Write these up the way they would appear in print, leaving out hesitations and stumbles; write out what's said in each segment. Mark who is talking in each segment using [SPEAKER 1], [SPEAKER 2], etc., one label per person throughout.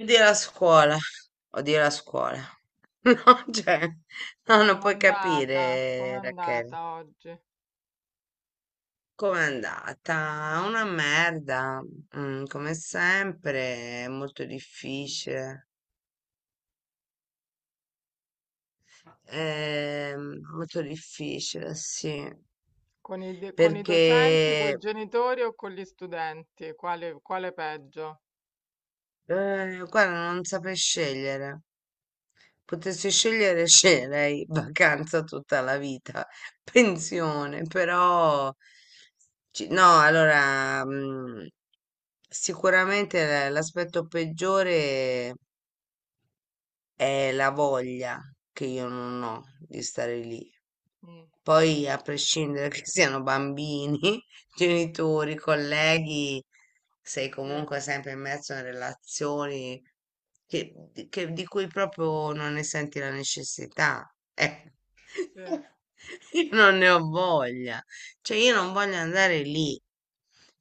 [SPEAKER 1] Odio la scuola, odio la scuola. No, cioè, no, non
[SPEAKER 2] Com'è
[SPEAKER 1] puoi
[SPEAKER 2] andata? Com'è
[SPEAKER 1] capire, Rachele.
[SPEAKER 2] andata oggi?
[SPEAKER 1] Com'è andata? Una merda, come sempre, è molto difficile. Molto difficile, sì,
[SPEAKER 2] Con i, de- con i
[SPEAKER 1] perché,
[SPEAKER 2] docenti, con i genitori o con gli studenti? Quale, quale peggio?
[SPEAKER 1] guarda, non saprei scegliere. Potessi scegliere, sceglierei vacanza tutta la vita,
[SPEAKER 2] Mm,
[SPEAKER 1] pensione, però no, allora, sicuramente l'aspetto peggiore è la voglia che io non ho di stare lì.
[SPEAKER 2] mm,
[SPEAKER 1] Poi, a prescindere che siano bambini, genitori, colleghi, sei
[SPEAKER 2] sì,
[SPEAKER 1] comunque sempre immerso in relazioni che, di cui proprio non ne senti la necessità.
[SPEAKER 2] sì.
[SPEAKER 1] Io non ne ho voglia. Cioè, io non voglio andare lì.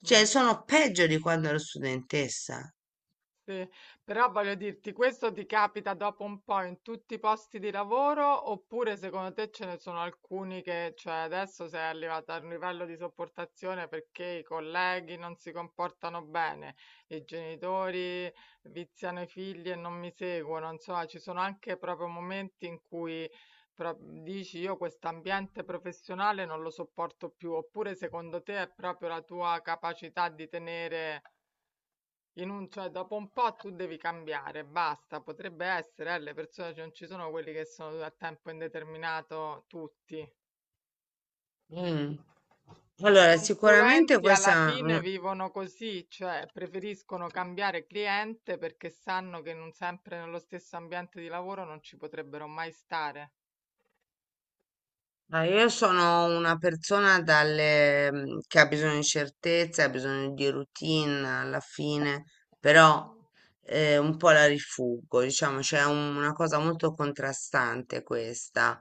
[SPEAKER 1] Cioè,
[SPEAKER 2] mm.
[SPEAKER 1] sono peggio di quando ero studentessa.
[SPEAKER 2] Sì, però voglio dirti, questo ti capita dopo un po' in tutti i posti di lavoro oppure secondo te ce ne sono alcuni che, cioè adesso sei arrivata a un livello di sopportazione perché i colleghi non si comportano bene, i genitori viziano i figli e non mi seguono, insomma, ci sono anche proprio momenti in cui pro- dici io quest'ambiente professionale non lo sopporto più, oppure secondo te è proprio la tua capacità di tenere in un, cioè, dopo un po' tu devi cambiare, basta. Potrebbe essere, le persone, cioè, non ci sono quelli che sono a tempo indeterminato tutti.
[SPEAKER 1] Mm.
[SPEAKER 2] I
[SPEAKER 1] Allora, sicuramente
[SPEAKER 2] consulenti alla
[SPEAKER 1] questa è
[SPEAKER 2] fine vivono così, cioè preferiscono cambiare cliente perché sanno che non sempre nello stesso ambiente di lavoro non ci potrebbero mai stare.
[SPEAKER 1] ma io sono una persona dalle, che ha bisogno di certezze, ha bisogno di routine alla fine, però, un po' la rifuggo, diciamo, c'è una cosa molto contrastante questa.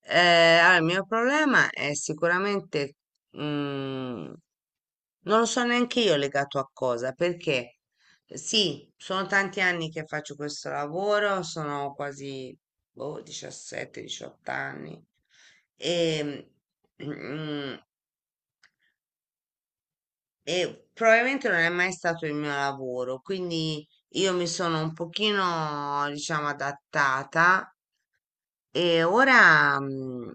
[SPEAKER 1] Eh, allora, il mio problema è sicuramente, mm, non lo so neanche io legato a cosa, perché sì, sono tanti anni che faccio questo lavoro, sono quasi boh, 17-18 anni. E, mm, e probabilmente non è mai stato il mio lavoro, quindi io mi sono un pochino, diciamo, adattata e ora,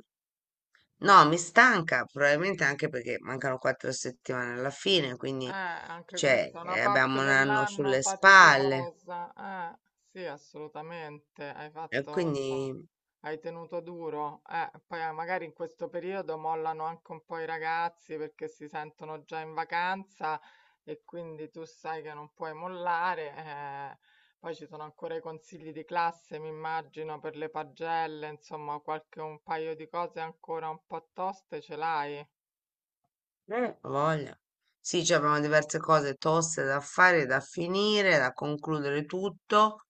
[SPEAKER 1] no, mi stanca, probabilmente anche perché mancano 4 settimane alla fine, quindi,
[SPEAKER 2] Anche
[SPEAKER 1] cioè,
[SPEAKER 2] questa è una parte
[SPEAKER 1] abbiamo un anno
[SPEAKER 2] dell'anno
[SPEAKER 1] sulle spalle
[SPEAKER 2] faticosa. Eh, sì, assolutamente. Hai
[SPEAKER 1] e
[SPEAKER 2] fatto,
[SPEAKER 1] quindi
[SPEAKER 2] insomma, hai tenuto duro. Poi magari in questo periodo mollano anche un po' i ragazzi perché si sentono già in vacanza e quindi tu sai che non puoi mollare. Eh. Poi ci sono ancora i consigli di classe, mi immagino, per le pagelle, insomma, qualche un paio di cose ancora un po' toste ce l'hai.
[SPEAKER 1] Ho voglia. Sì, ci abbiamo diverse cose toste da fare, da finire, da concludere tutto.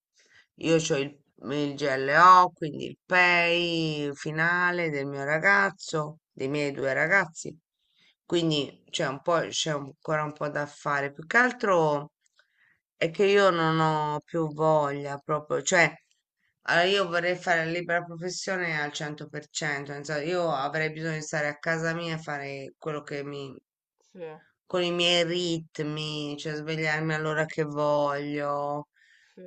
[SPEAKER 1] Io ho il GLO, quindi il pay finale del mio ragazzo, dei miei due ragazzi. Quindi c'è un po', c'è ancora un po' da fare. Più che altro è che io non ho più voglia proprio, cioè, allora io vorrei fare la libera professione al 100%, nel senso, io
[SPEAKER 2] Mm,
[SPEAKER 1] avrei bisogno di stare a casa mia e fare quello che mi
[SPEAKER 2] sì.
[SPEAKER 1] con i miei ritmi, cioè svegliarmi all'ora che voglio.
[SPEAKER 2] Sì,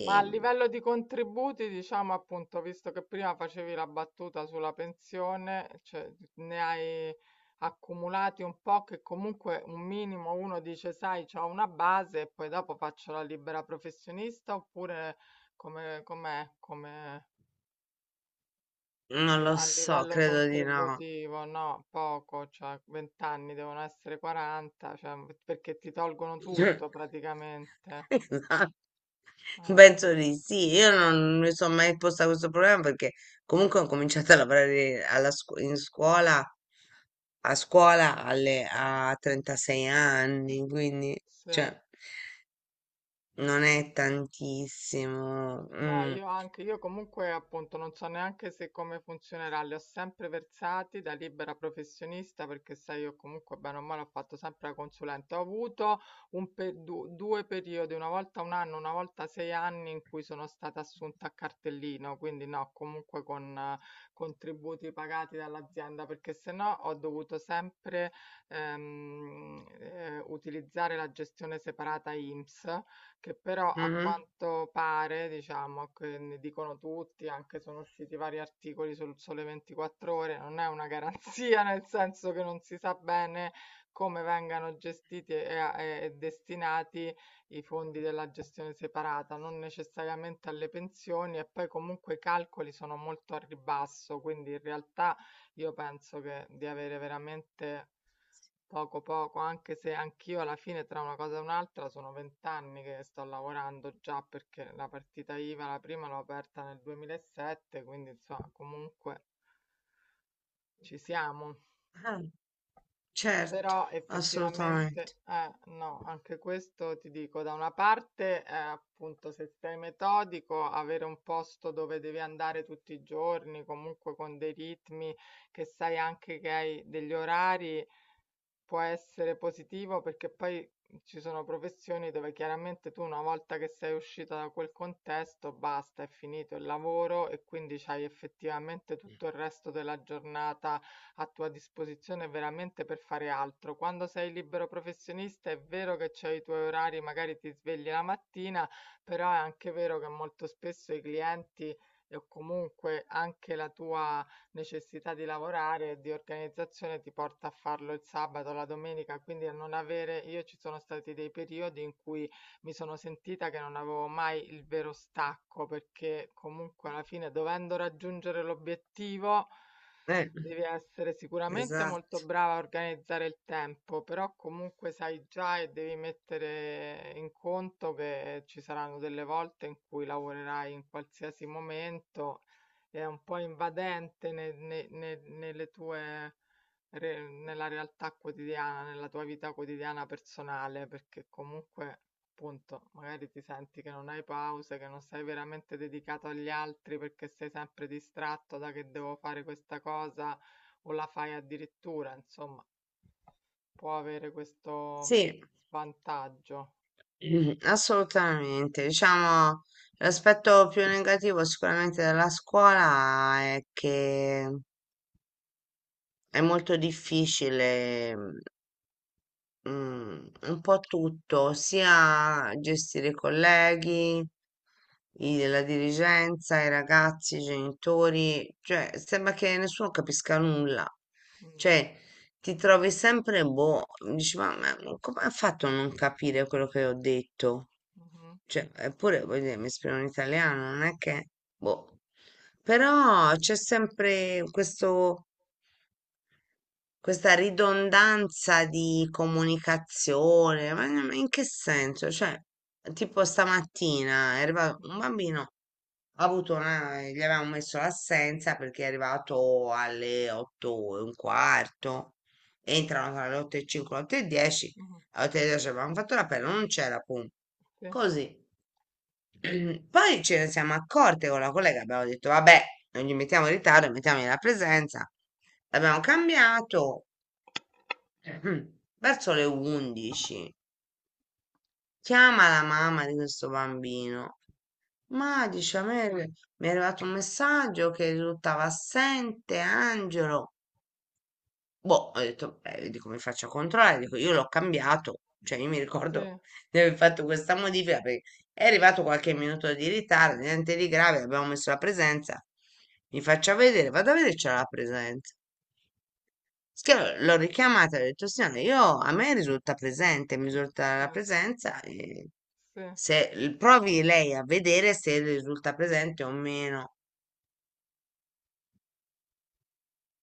[SPEAKER 2] ma a livello di contributi, diciamo appunto, visto che prima facevi la battuta sulla pensione, cioè ne hai accumulati un po' che comunque un minimo uno dice, sai, c'ho una base e poi dopo faccio la libera professionista oppure come, com'è, come
[SPEAKER 1] non
[SPEAKER 2] li-
[SPEAKER 1] lo
[SPEAKER 2] a
[SPEAKER 1] so,
[SPEAKER 2] livello
[SPEAKER 1] credo di no.
[SPEAKER 2] contributivo, no, poco, cioè 20 anni devono essere 40, cioè, perché ti tolgono tutto praticamente.
[SPEAKER 1] Esatto,
[SPEAKER 2] Ah,
[SPEAKER 1] penso di sì. Io non mi sono mai posta questo problema perché comunque ho cominciato a lavorare in scuola, a scuola a 36 anni, quindi,
[SPEAKER 2] sì.
[SPEAKER 1] cioè, non è tantissimo.
[SPEAKER 2] No,
[SPEAKER 1] Mm.
[SPEAKER 2] io anche, io comunque appunto non so neanche se come funzionerà, li ho sempre versati da libera professionista perché sai io comunque bene o male ho fatto sempre la consulente, ho avuto un pe- du- due periodi, una volta un anno, una volta sei anni in cui sono stata assunta a cartellino, quindi no, comunque con contributi pagati dall'azienda perché se no ho dovuto sempre utilizzare la gestione separata INPS che però a
[SPEAKER 1] Mhm.
[SPEAKER 2] quanto pare, diciamo, che ne dicono tutti, anche sono usciti vari articoli sul Sole 24 Ore, non è una garanzia, nel senso che non si sa bene come vengano gestiti e, e destinati i fondi della gestione separata, non necessariamente alle pensioni e poi comunque i calcoli sono molto a ribasso, quindi in realtà io penso che di avere veramente poco, poco, anche se anch'io alla fine tra una cosa e un'altra sono vent'anni che sto lavorando già perché la partita IVA, la prima l'ho aperta nel 2007, quindi insomma comunque ci siamo.
[SPEAKER 1] Ah, certo,
[SPEAKER 2] Però effettivamente,
[SPEAKER 1] assolutamente.
[SPEAKER 2] no, anche questo ti dico, da una parte è appunto se sei metodico, avere un posto dove devi andare tutti i giorni, comunque con dei ritmi, che sai anche che hai degli orari può essere positivo perché poi ci sono professioni dove chiaramente tu una volta che sei uscita da quel contesto, basta, è finito il lavoro e quindi c'hai effettivamente tutto il resto della giornata a tua disposizione veramente per fare altro. Quando sei libero professionista è vero che c'hai i tuoi orari, magari ti svegli la mattina, però è anche vero che molto spesso i clienti o comunque anche la tua necessità di lavorare e di organizzazione ti porta a farlo il sabato, la domenica, quindi a non avere, io ci sono stati dei periodi in cui mi sono sentita che non avevo mai il vero stacco, perché comunque alla fine dovendo raggiungere l'obiettivo
[SPEAKER 1] Eh,
[SPEAKER 2] devi essere sicuramente molto
[SPEAKER 1] esatto,
[SPEAKER 2] brava a organizzare il tempo, però comunque sai già e devi mettere in conto che ci saranno delle volte in cui lavorerai in qualsiasi momento è un po' invadente nelle tue, nella realtà quotidiana, nella tua vita quotidiana personale, perché comunque, appunto, magari ti senti che non hai pause, che non sei veramente dedicato agli altri perché sei sempre distratto da che devo fare questa cosa o la fai addirittura, insomma, può avere questo
[SPEAKER 1] sì.
[SPEAKER 2] svantaggio.
[SPEAKER 1] Assolutamente. Diciamo, l'aspetto più negativo sicuramente della scuola è che è molto difficile, un po' tutto, sia gestire i colleghi, la dirigenza, i ragazzi, i genitori, cioè sembra che nessuno capisca nulla.
[SPEAKER 2] Mm,
[SPEAKER 1] Cioè, ti trovi sempre boh, dici, ma come ha fatto a non capire quello che ho detto?
[SPEAKER 2] mhm,
[SPEAKER 1] Cioè, eppure, voglio dire, mi esprimo in italiano, non è che, boh. Però c'è sempre questo, questa ridondanza di comunicazione, ma in che senso? Cioè, tipo stamattina è arrivato un
[SPEAKER 2] mhm,
[SPEAKER 1] bambino, ha avuto una, gli avevamo messo l'assenza perché è arrivato alle 8 e un quarto, entrano tra le 8 e 5 e le 8 e 10,
[SPEAKER 2] mhm.
[SPEAKER 1] alle 8 e 10 avevamo fatto l'appello, non c'era punto.
[SPEAKER 2] Sì,
[SPEAKER 1] Così. Poi ce ne siamo accorte con la collega, abbiamo detto vabbè, non gli mettiamo in ritardo, mettiamo la presenza. L'abbiamo cambiato verso le 11. Chiama la mamma di questo bambino. Ma dice, a me mi è arrivato un messaggio che risultava assente Angelo. Boh, ho detto, beh, vedi come faccio a controllare. Dico, io l'ho cambiato. Cioè, io mi
[SPEAKER 2] sì,
[SPEAKER 1] ricordo di aver fatto questa modifica perché è arrivato qualche minuto di ritardo, niente di grave, abbiamo messo la presenza. Mi faccia vedere, vado a vedere se c'era la presenza. L'ho richiamata, ho detto, signora, io, a me risulta presente, mi risulta la presenza. E
[SPEAKER 2] sì, sì,
[SPEAKER 1] se provi lei a vedere se risulta presente o meno.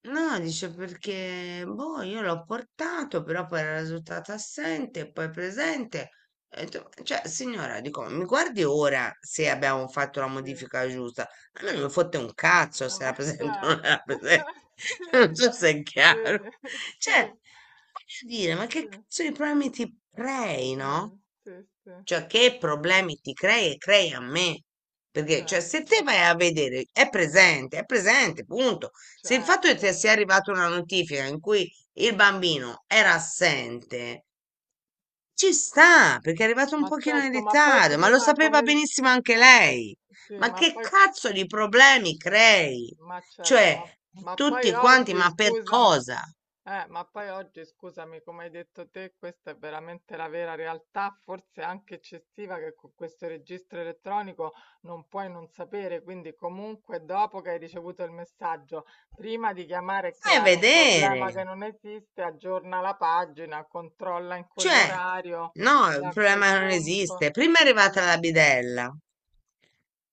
[SPEAKER 1] No, dice perché, boh, io l'ho portato, però poi era risultato assente, poi presente. E ho detto, cioè, signora, dico, mi guardi ora se abbiamo fatto la
[SPEAKER 2] sì.
[SPEAKER 1] modifica giusta. A me non mi fotte un
[SPEAKER 2] まあさ、とさ、つ、つ、sì,
[SPEAKER 1] cazzo se era presente o non era presente. Non so se è chiaro.
[SPEAKER 2] sì,
[SPEAKER 1] Cioè,
[SPEAKER 2] sì,
[SPEAKER 1] voglio dire, ma
[SPEAKER 2] sì, sì,
[SPEAKER 1] che cazzo di problemi ti prei,
[SPEAKER 2] sì,
[SPEAKER 1] no?
[SPEAKER 2] sì, sì,
[SPEAKER 1] Cioè, che problemi ti crei e crei a me? Perché, cioè, se te
[SPEAKER 2] certo,
[SPEAKER 1] vai a vedere, è presente, punto. Se il fatto che ti
[SPEAKER 2] certo.
[SPEAKER 1] sia arrivata una notifica in cui il bambino era assente, ci sta, perché è arrivato un
[SPEAKER 2] Ma
[SPEAKER 1] pochino in
[SPEAKER 2] certo, ma poi
[SPEAKER 1] ritardo, ma lo
[SPEAKER 2] prima
[SPEAKER 1] sapeva
[SPEAKER 2] come...
[SPEAKER 1] benissimo anche lei.
[SPEAKER 2] Sì,
[SPEAKER 1] Ma
[SPEAKER 2] ma
[SPEAKER 1] che
[SPEAKER 2] poi...
[SPEAKER 1] cazzo di problemi crei?
[SPEAKER 2] Ma certo,
[SPEAKER 1] Cioè,
[SPEAKER 2] ma poi
[SPEAKER 1] tutti quanti,
[SPEAKER 2] oggi,
[SPEAKER 1] ma per
[SPEAKER 2] scusami.
[SPEAKER 1] cosa?
[SPEAKER 2] Ma poi oggi, scusami, come hai detto te, questa è veramente la vera realtà, forse anche eccessiva, che con questo registro elettronico non puoi non sapere. Quindi, comunque, dopo che hai ricevuto il messaggio, prima di chiamare e
[SPEAKER 1] Vai a
[SPEAKER 2] creare un
[SPEAKER 1] vedere.
[SPEAKER 2] problema che non esiste, aggiorna la pagina, controlla in
[SPEAKER 1] Cioè,
[SPEAKER 2] quell'orario
[SPEAKER 1] no,
[SPEAKER 2] e
[SPEAKER 1] il
[SPEAKER 2] a quel
[SPEAKER 1] problema non esiste.
[SPEAKER 2] punto.
[SPEAKER 1] Prima è
[SPEAKER 2] Sì,
[SPEAKER 1] arrivata la bidella,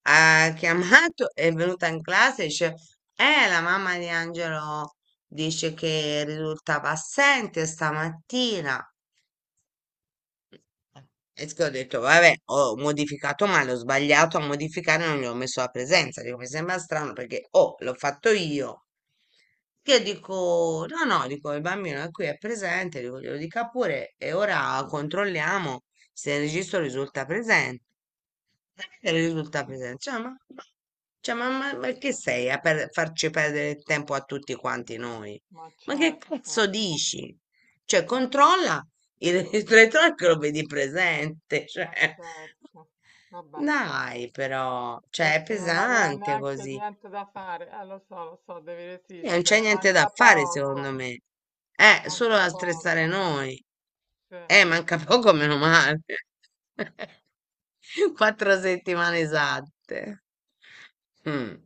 [SPEAKER 1] ha chiamato, è venuta in classe e dice, la mamma di Angelo dice che risultava assente stamattina. Eh. E che ho detto, vabbè, ho modificato male, ho sbagliato a modificare, non gli ho messo la presenza. Dico, mi sembra strano perché, oh, l'ho fatto io. Che dico, no, no, dico, il bambino è qui, è presente, dico, glielo dica pure e ora controlliamo se il registro risulta presente. E risulta pesante. Cioè, ma che sei a farci perdere il tempo a tutti quanti noi?
[SPEAKER 2] ma
[SPEAKER 1] Ma che
[SPEAKER 2] certo,
[SPEAKER 1] cazzo dici? Cioè,
[SPEAKER 2] sì,
[SPEAKER 1] controlla il retrotrack che lo vedi presente.
[SPEAKER 2] ma
[SPEAKER 1] Cioè,
[SPEAKER 2] certo. Vabbè.
[SPEAKER 1] dai, però, cioè, è
[SPEAKER 2] Forse non aveva
[SPEAKER 1] pesante
[SPEAKER 2] neanche
[SPEAKER 1] così.
[SPEAKER 2] niente da fare, lo so, devi
[SPEAKER 1] E non c'è
[SPEAKER 2] resistere,
[SPEAKER 1] niente da fare, secondo me. Solo
[SPEAKER 2] manca
[SPEAKER 1] da
[SPEAKER 2] poco,
[SPEAKER 1] stressare noi.
[SPEAKER 2] sì.
[SPEAKER 1] Manca poco, meno male. 4 settimane esatte. Mm.